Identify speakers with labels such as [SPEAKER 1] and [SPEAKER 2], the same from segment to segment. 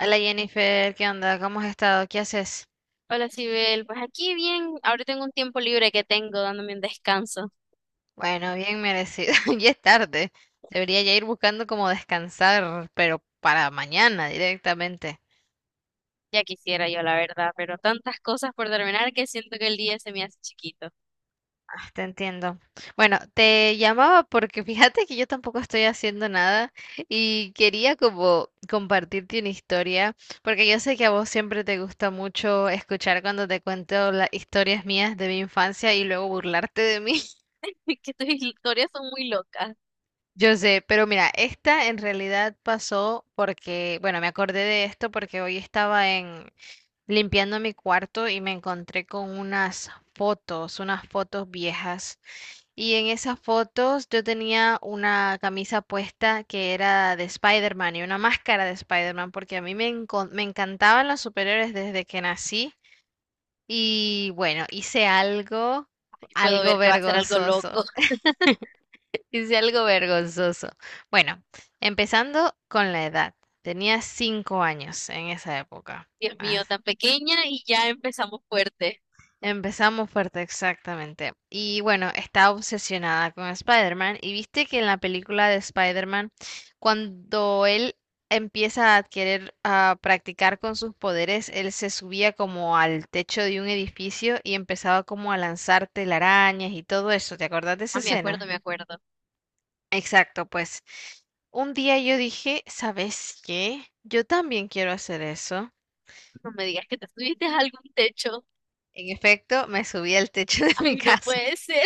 [SPEAKER 1] Hola Jennifer, ¿qué onda? ¿Cómo has estado? ¿Qué haces?
[SPEAKER 2] Hola, Sibel. Pues aquí bien, ahora tengo un tiempo libre que tengo dándome un descanso.
[SPEAKER 1] Bueno, bien merecido. Ya es tarde. Debería ya ir buscando cómo descansar, pero para mañana directamente.
[SPEAKER 2] Ya quisiera yo, la verdad, pero tantas cosas por terminar que siento que el día se me hace chiquito.
[SPEAKER 1] Ah, te entiendo. Bueno, te llamaba porque fíjate que yo tampoco estoy haciendo nada y quería como compartirte una historia, porque yo sé que a vos siempre te gusta mucho escuchar cuando te cuento las historias mías de mi infancia y luego burlarte de mí.
[SPEAKER 2] Que tus historias son muy locas.
[SPEAKER 1] Yo sé, pero mira, esta en realidad pasó porque, bueno, me acordé de esto porque hoy estaba en limpiando mi cuarto y me encontré con unas fotos viejas. Y en esas fotos yo tenía una camisa puesta que era de Spider-Man y una máscara de Spider-Man porque a mí me encantaban los superhéroes desde que nací. Y bueno, hice algo,
[SPEAKER 2] Ay, puedo
[SPEAKER 1] algo
[SPEAKER 2] ver que va a ser algo
[SPEAKER 1] vergonzoso.
[SPEAKER 2] loco.
[SPEAKER 1] Hice algo vergonzoso. Bueno, empezando con la edad. Tenía 5 años en esa época.
[SPEAKER 2] Dios
[SPEAKER 1] Ah,
[SPEAKER 2] mío, tan pequeña y ya empezamos fuerte.
[SPEAKER 1] empezamos fuerte, exactamente. Y bueno, estaba obsesionada con Spider-Man. Y viste que en la película de Spider-Man, cuando él empieza a adquirir, a practicar con sus poderes, él se subía como al techo de un edificio y empezaba como a lanzar telarañas y todo eso. ¿Te acordás de esa
[SPEAKER 2] Ah, me acuerdo,
[SPEAKER 1] escena?
[SPEAKER 2] me acuerdo.
[SPEAKER 1] Exacto, pues un día yo dije, ¿sabes qué? Yo también quiero hacer eso.
[SPEAKER 2] No me digas que te subiste a algún techo.
[SPEAKER 1] En efecto, me subí al techo de mi
[SPEAKER 2] Ay, no
[SPEAKER 1] casa.
[SPEAKER 2] puede ser.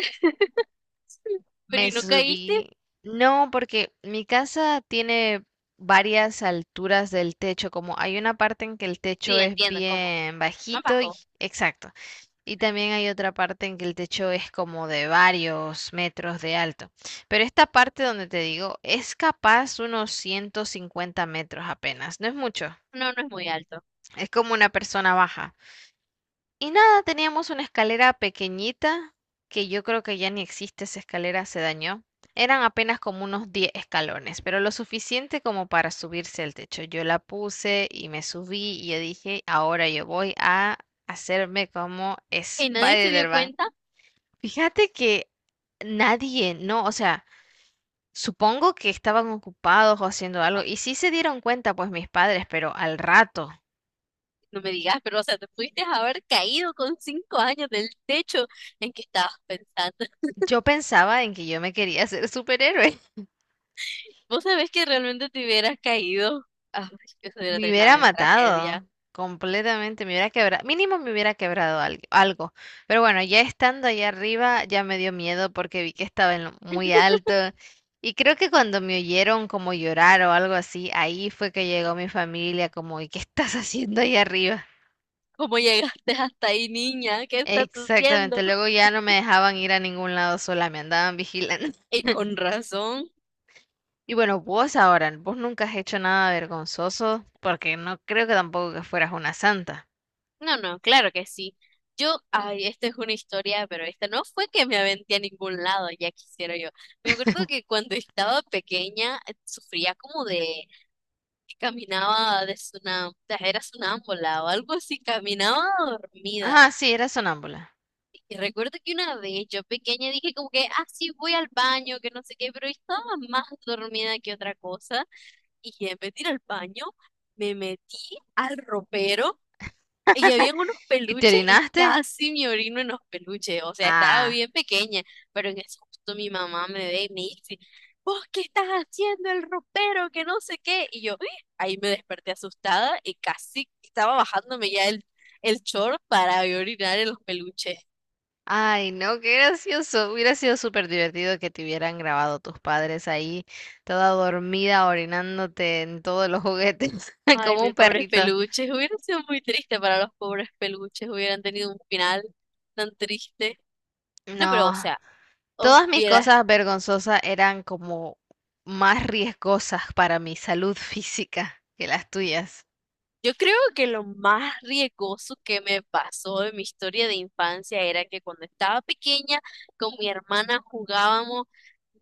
[SPEAKER 2] Pero
[SPEAKER 1] Me
[SPEAKER 2] ¿y no caíste?
[SPEAKER 1] subí. No, porque mi casa tiene varias alturas del techo, como hay una parte en que el techo
[SPEAKER 2] Sí,
[SPEAKER 1] es
[SPEAKER 2] entiendo cómo.
[SPEAKER 1] bien
[SPEAKER 2] Más
[SPEAKER 1] bajito y
[SPEAKER 2] bajo.
[SPEAKER 1] exacto. Y también hay otra parte en que el techo es como de varios metros de alto. Pero esta parte donde te digo, es capaz unos 150 metros apenas, no es mucho.
[SPEAKER 2] No, no es muy alto.
[SPEAKER 1] Es como una persona baja. Y nada, teníamos una escalera pequeñita, que yo creo que ya ni existe esa escalera, se dañó. Eran apenas como unos 10 escalones, pero lo suficiente como para subirse al techo. Yo la puse y me subí y yo dije, ahora yo voy a hacerme como
[SPEAKER 2] ¿Y nadie se dio
[SPEAKER 1] Spider-Man.
[SPEAKER 2] cuenta?
[SPEAKER 1] Fíjate que nadie, no, o sea, supongo que estaban ocupados o haciendo algo y sí se dieron cuenta pues mis padres, pero al rato,
[SPEAKER 2] No me digas, pero o sea, te pudiste haber caído con 5 años del techo en que estabas pensando.
[SPEAKER 1] yo pensaba en que yo me quería ser superhéroe.
[SPEAKER 2] Vos sabés que realmente te hubieras caído. Ay, que se hubiera
[SPEAKER 1] Me hubiera
[SPEAKER 2] terminado en tragedia.
[SPEAKER 1] matado completamente, me hubiera quebrado, mínimo me hubiera quebrado algo, algo. Pero bueno, ya estando allá arriba ya me dio miedo porque vi que estaba en lo muy alto. Y creo que cuando me oyeron como llorar o algo así, ahí fue que llegó mi familia como, ¿y qué estás haciendo allá arriba?
[SPEAKER 2] ¿Cómo llegaste hasta ahí, niña? ¿Qué estás
[SPEAKER 1] Exactamente,
[SPEAKER 2] haciendo?
[SPEAKER 1] luego ya no me dejaban ir a ningún lado sola, me andaban vigilando.
[SPEAKER 2] Y con razón.
[SPEAKER 1] Y bueno, vos ahora, vos nunca has hecho nada vergonzoso, porque no creo que tampoco que fueras una santa.
[SPEAKER 2] No, no, claro que sí. Yo, ay, esta es una historia, pero esta no fue que me aventé a ningún lado, ya quisiera yo. Me acuerdo que cuando estaba pequeña sufría como de que caminaba de sunam, era sonámbula o algo así, caminaba dormida.
[SPEAKER 1] Ah, sí, eras sonámbula.
[SPEAKER 2] Y recuerdo que una vez yo pequeña dije como que, ah, sí, voy al baño, que no sé qué, pero estaba más dormida que otra cosa. Y en vez de ir al baño, me metí al ropero y habían unos
[SPEAKER 1] ¿Y te
[SPEAKER 2] peluches y
[SPEAKER 1] orinaste?
[SPEAKER 2] casi me orino en los peluches. O sea, estaba
[SPEAKER 1] Ah,
[SPEAKER 2] bien pequeña, pero en eso justo mi mamá me ve y me dice, ¿vos qué estás haciendo el ropero? Que no sé qué. Y yo, "Uy". Ahí me desperté asustada y casi estaba bajándome ya el short para ir a orinar en los peluches.
[SPEAKER 1] ay, no, qué gracioso. Hubiera sido súper divertido que te hubieran grabado tus padres ahí, toda dormida, orinándote en todos los juguetes,
[SPEAKER 2] Ay,
[SPEAKER 1] como un
[SPEAKER 2] mis pobres
[SPEAKER 1] perrito.
[SPEAKER 2] peluches. Hubiera sido muy triste para los pobres peluches. Hubieran tenido un final tan triste. No, pero o
[SPEAKER 1] No,
[SPEAKER 2] sea, os
[SPEAKER 1] todas mis
[SPEAKER 2] hubiera.
[SPEAKER 1] cosas vergonzosas eran como más riesgosas para mi salud física que las tuyas.
[SPEAKER 2] Yo creo que lo más riesgoso que me pasó en mi historia de infancia era que cuando estaba pequeña con mi hermana jugábamos,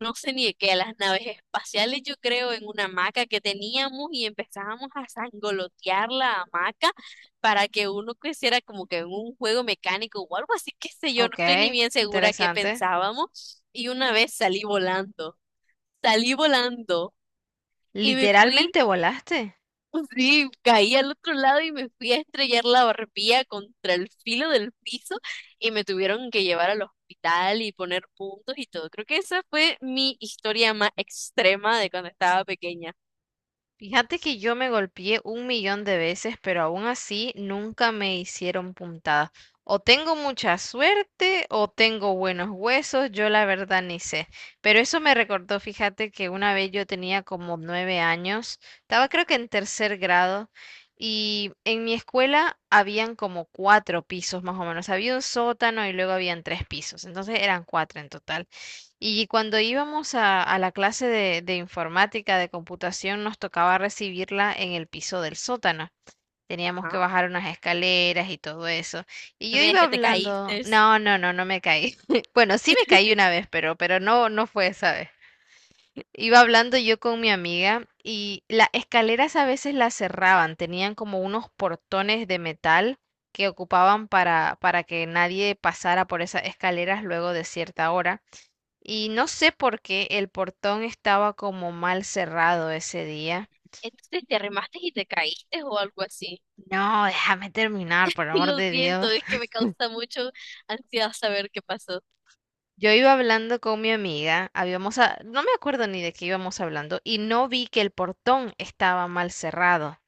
[SPEAKER 2] no sé ni de qué, a las naves espaciales, yo creo, en una hamaca que teníamos y empezábamos a sangolotear la hamaca para que uno creciera como que en un juego mecánico o algo así, qué sé yo, no
[SPEAKER 1] Ok,
[SPEAKER 2] estoy ni bien segura qué
[SPEAKER 1] interesante.
[SPEAKER 2] pensábamos. Y una vez salí volando y me fui.
[SPEAKER 1] Literalmente volaste.
[SPEAKER 2] Sí, caí al otro lado y me fui a estrellar la barbilla contra el filo del piso y me tuvieron que llevar al hospital y poner puntos y todo. Creo que esa fue mi historia más extrema de cuando estaba pequeña.
[SPEAKER 1] Fíjate que yo me golpeé un millón de veces, pero aún así nunca me hicieron puntadas. O tengo mucha suerte o tengo buenos huesos, yo la verdad ni sé. Pero eso me recordó, fíjate que una vez yo tenía como 9 años, estaba creo que en tercer grado, y en mi escuela habían como cuatro pisos más o menos. Había un sótano y luego habían tres pisos, entonces eran cuatro en total. Y cuando íbamos a la clase de informática, de computación, nos tocaba recibirla en el piso del sótano. Teníamos que
[SPEAKER 2] Ah,
[SPEAKER 1] bajar unas escaleras y todo eso. Y
[SPEAKER 2] no
[SPEAKER 1] yo
[SPEAKER 2] me digas
[SPEAKER 1] iba
[SPEAKER 2] que te
[SPEAKER 1] hablando,
[SPEAKER 2] caíste.
[SPEAKER 1] no, no, no, no me caí. Bueno, sí me caí una vez, pero no, no fue esa vez. Iba hablando yo con mi amiga y las escaleras a veces las cerraban, tenían como unos portones de metal que ocupaban para que nadie pasara por esas escaleras luego de cierta hora. Y no sé por qué el portón estaba como mal cerrado ese día.
[SPEAKER 2] Entonces te arrimaste y te caíste o algo así.
[SPEAKER 1] No, déjame terminar, por amor
[SPEAKER 2] Lo
[SPEAKER 1] de
[SPEAKER 2] siento,
[SPEAKER 1] Dios.
[SPEAKER 2] es que me causa mucho ansiedad saber qué pasó.
[SPEAKER 1] Yo iba hablando con mi amiga, habíamos, no me acuerdo ni de qué íbamos hablando, y no vi que el portón estaba mal cerrado.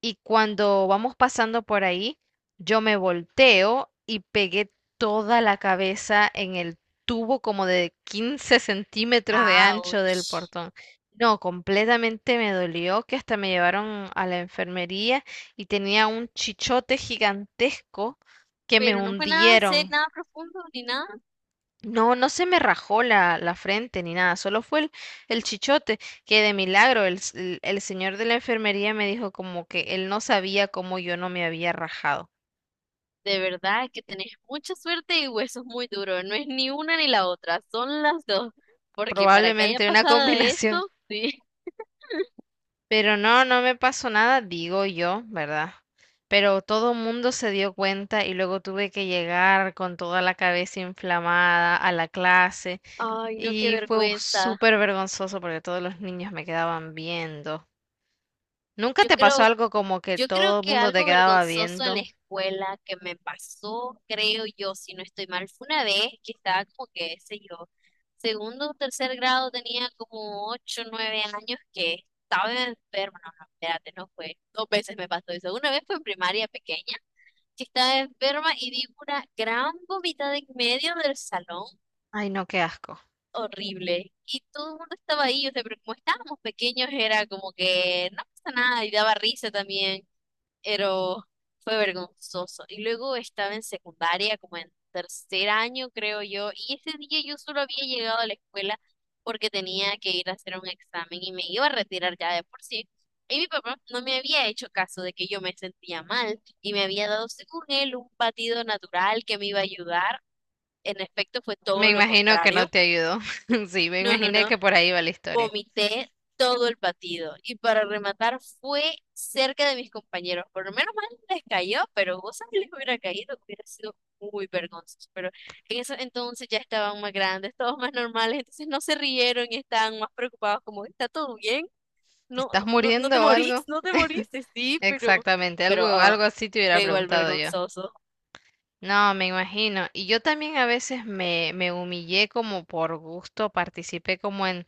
[SPEAKER 1] Y cuando vamos pasando por ahí, yo me volteo y pegué toda la cabeza en el tubo como de 15 centímetros de ancho del
[SPEAKER 2] Ouch.
[SPEAKER 1] portón. No, completamente me dolió que hasta me llevaron a la enfermería y tenía un chichote gigantesco que me
[SPEAKER 2] Pero no fue nada,
[SPEAKER 1] hundieron.
[SPEAKER 2] nada profundo ni nada.
[SPEAKER 1] No, no se me rajó la frente ni nada, solo fue el chichote, que de milagro el señor de la enfermería me dijo como que él no sabía cómo yo no me había rajado.
[SPEAKER 2] De verdad que tenés mucha suerte y huesos muy duros. No es ni una ni la otra, son las dos. Porque para que haya
[SPEAKER 1] Probablemente una
[SPEAKER 2] pasado de
[SPEAKER 1] combinación.
[SPEAKER 2] eso, sí.
[SPEAKER 1] Pero no, no me pasó nada, digo yo, ¿verdad? Pero todo el mundo se dio cuenta y luego tuve que llegar con toda la cabeza inflamada a la clase
[SPEAKER 2] Ay, no, qué
[SPEAKER 1] y fue
[SPEAKER 2] vergüenza.
[SPEAKER 1] súper vergonzoso porque todos los niños me quedaban viendo. ¿Nunca
[SPEAKER 2] Yo
[SPEAKER 1] te pasó
[SPEAKER 2] creo,
[SPEAKER 1] algo como que
[SPEAKER 2] yo creo
[SPEAKER 1] todo el
[SPEAKER 2] que
[SPEAKER 1] mundo te
[SPEAKER 2] algo
[SPEAKER 1] quedaba
[SPEAKER 2] vergonzoso en la
[SPEAKER 1] viendo?
[SPEAKER 2] escuela que me pasó, creo yo, si no estoy mal, fue una vez que estaba como que, sé yo, segundo o tercer grado, tenía como 8, 9 años que estaba enferma. No, no, espérate, no fue. Dos veces me pasó eso. Una vez fue en primaria pequeña, que estaba enferma y di una gran vomitada en medio del salón,
[SPEAKER 1] Ay, no, qué asco.
[SPEAKER 2] horrible. Y todo el mundo estaba ahí, o sea, pero como estábamos pequeños era como que no pasa nada y daba risa también, pero fue vergonzoso. Y luego estaba en secundaria, como en tercer año, creo yo, y ese día yo solo había llegado a la escuela porque tenía que ir a hacer un examen y me iba a retirar ya de por sí. Y mi papá no me había hecho caso de que yo me sentía mal y me había dado, según él, un batido natural que me iba a ayudar. En efecto, fue
[SPEAKER 1] Me
[SPEAKER 2] todo lo
[SPEAKER 1] imagino que no
[SPEAKER 2] contrario.
[SPEAKER 1] te ayudó. Sí, me
[SPEAKER 2] No, no,
[SPEAKER 1] imaginé
[SPEAKER 2] no.
[SPEAKER 1] que por ahí va la historia.
[SPEAKER 2] Vomité todo el batido y para rematar fue cerca de mis compañeros. Por lo menos mal les cayó, pero vos sabés que les hubiera caído, hubiera sido muy vergonzoso. Pero en eso entonces ya estaban más grandes, todos más normales, entonces no se rieron y estaban más preocupados como, ¿está todo bien?
[SPEAKER 1] ¿Te
[SPEAKER 2] No,
[SPEAKER 1] estás
[SPEAKER 2] no, no, no
[SPEAKER 1] muriendo
[SPEAKER 2] te
[SPEAKER 1] o
[SPEAKER 2] morís,
[SPEAKER 1] algo?
[SPEAKER 2] no te morís, sí,
[SPEAKER 1] Exactamente, algo,
[SPEAKER 2] pero
[SPEAKER 1] algo así te hubiera
[SPEAKER 2] fue igual
[SPEAKER 1] preguntado yo.
[SPEAKER 2] vergonzoso.
[SPEAKER 1] No, me imagino. Y yo también a veces me humillé como por gusto, participé como en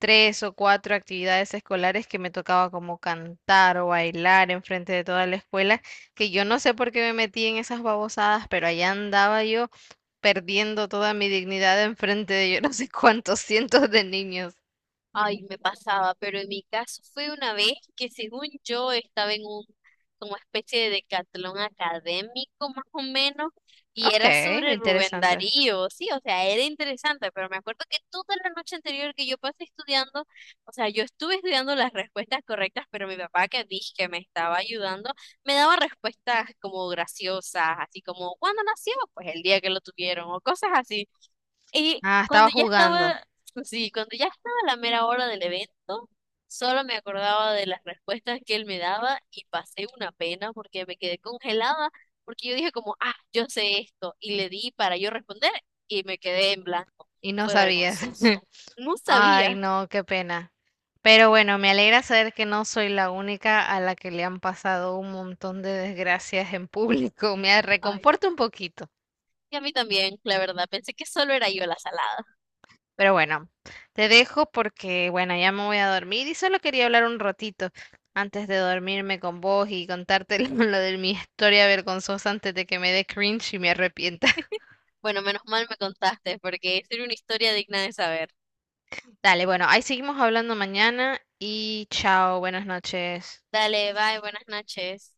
[SPEAKER 1] tres o cuatro actividades escolares que me tocaba como cantar o bailar enfrente de toda la escuela, que yo no sé por qué me metí en esas babosadas, pero allá andaba yo perdiendo toda mi dignidad enfrente de yo no sé cuántos cientos de niños.
[SPEAKER 2] Ay, me pasaba, pero en mi caso fue una vez que según yo estaba en un como especie de decatlón académico más o menos y
[SPEAKER 1] Ok,
[SPEAKER 2] era sobre Rubén
[SPEAKER 1] interesante.
[SPEAKER 2] Darío, sí, o sea, era interesante, pero me acuerdo que toda la noche anterior que yo pasé estudiando, o sea, yo estuve estudiando las respuestas correctas, pero mi papá que dije que me estaba ayudando, me daba respuestas como graciosas, así como ¿cuándo nació? Pues el día que lo tuvieron o cosas así. Y
[SPEAKER 1] Ah, estaba
[SPEAKER 2] cuando ya
[SPEAKER 1] jugando
[SPEAKER 2] estaba, sí, cuando ya estaba la mera hora del evento, solo me acordaba de las respuestas que él me daba y pasé una pena porque me quedé congelada, porque yo dije como, ah, yo sé esto, y le di para yo responder y me quedé en blanco.
[SPEAKER 1] y no
[SPEAKER 2] Fue
[SPEAKER 1] sabías.
[SPEAKER 2] vergonzoso. No
[SPEAKER 1] Ay,
[SPEAKER 2] sabía.
[SPEAKER 1] no, qué pena. Pero bueno, me alegra saber que no soy la única a la que le han pasado un montón de desgracias en público. Me
[SPEAKER 2] Ay,
[SPEAKER 1] reconforta un poquito.
[SPEAKER 2] y a mí también, la verdad, pensé que solo era yo la salada.
[SPEAKER 1] Pero bueno, te dejo porque, bueno, ya me voy a dormir y solo quería hablar un ratito antes de dormirme con vos y contarte lo de mi historia vergonzosa antes de que me dé cringe y me arrepienta.
[SPEAKER 2] Bueno, menos mal me contaste porque sería una historia digna de saber.
[SPEAKER 1] Dale, bueno, ahí seguimos hablando mañana y chao, buenas noches.
[SPEAKER 2] Dale, bye, buenas noches.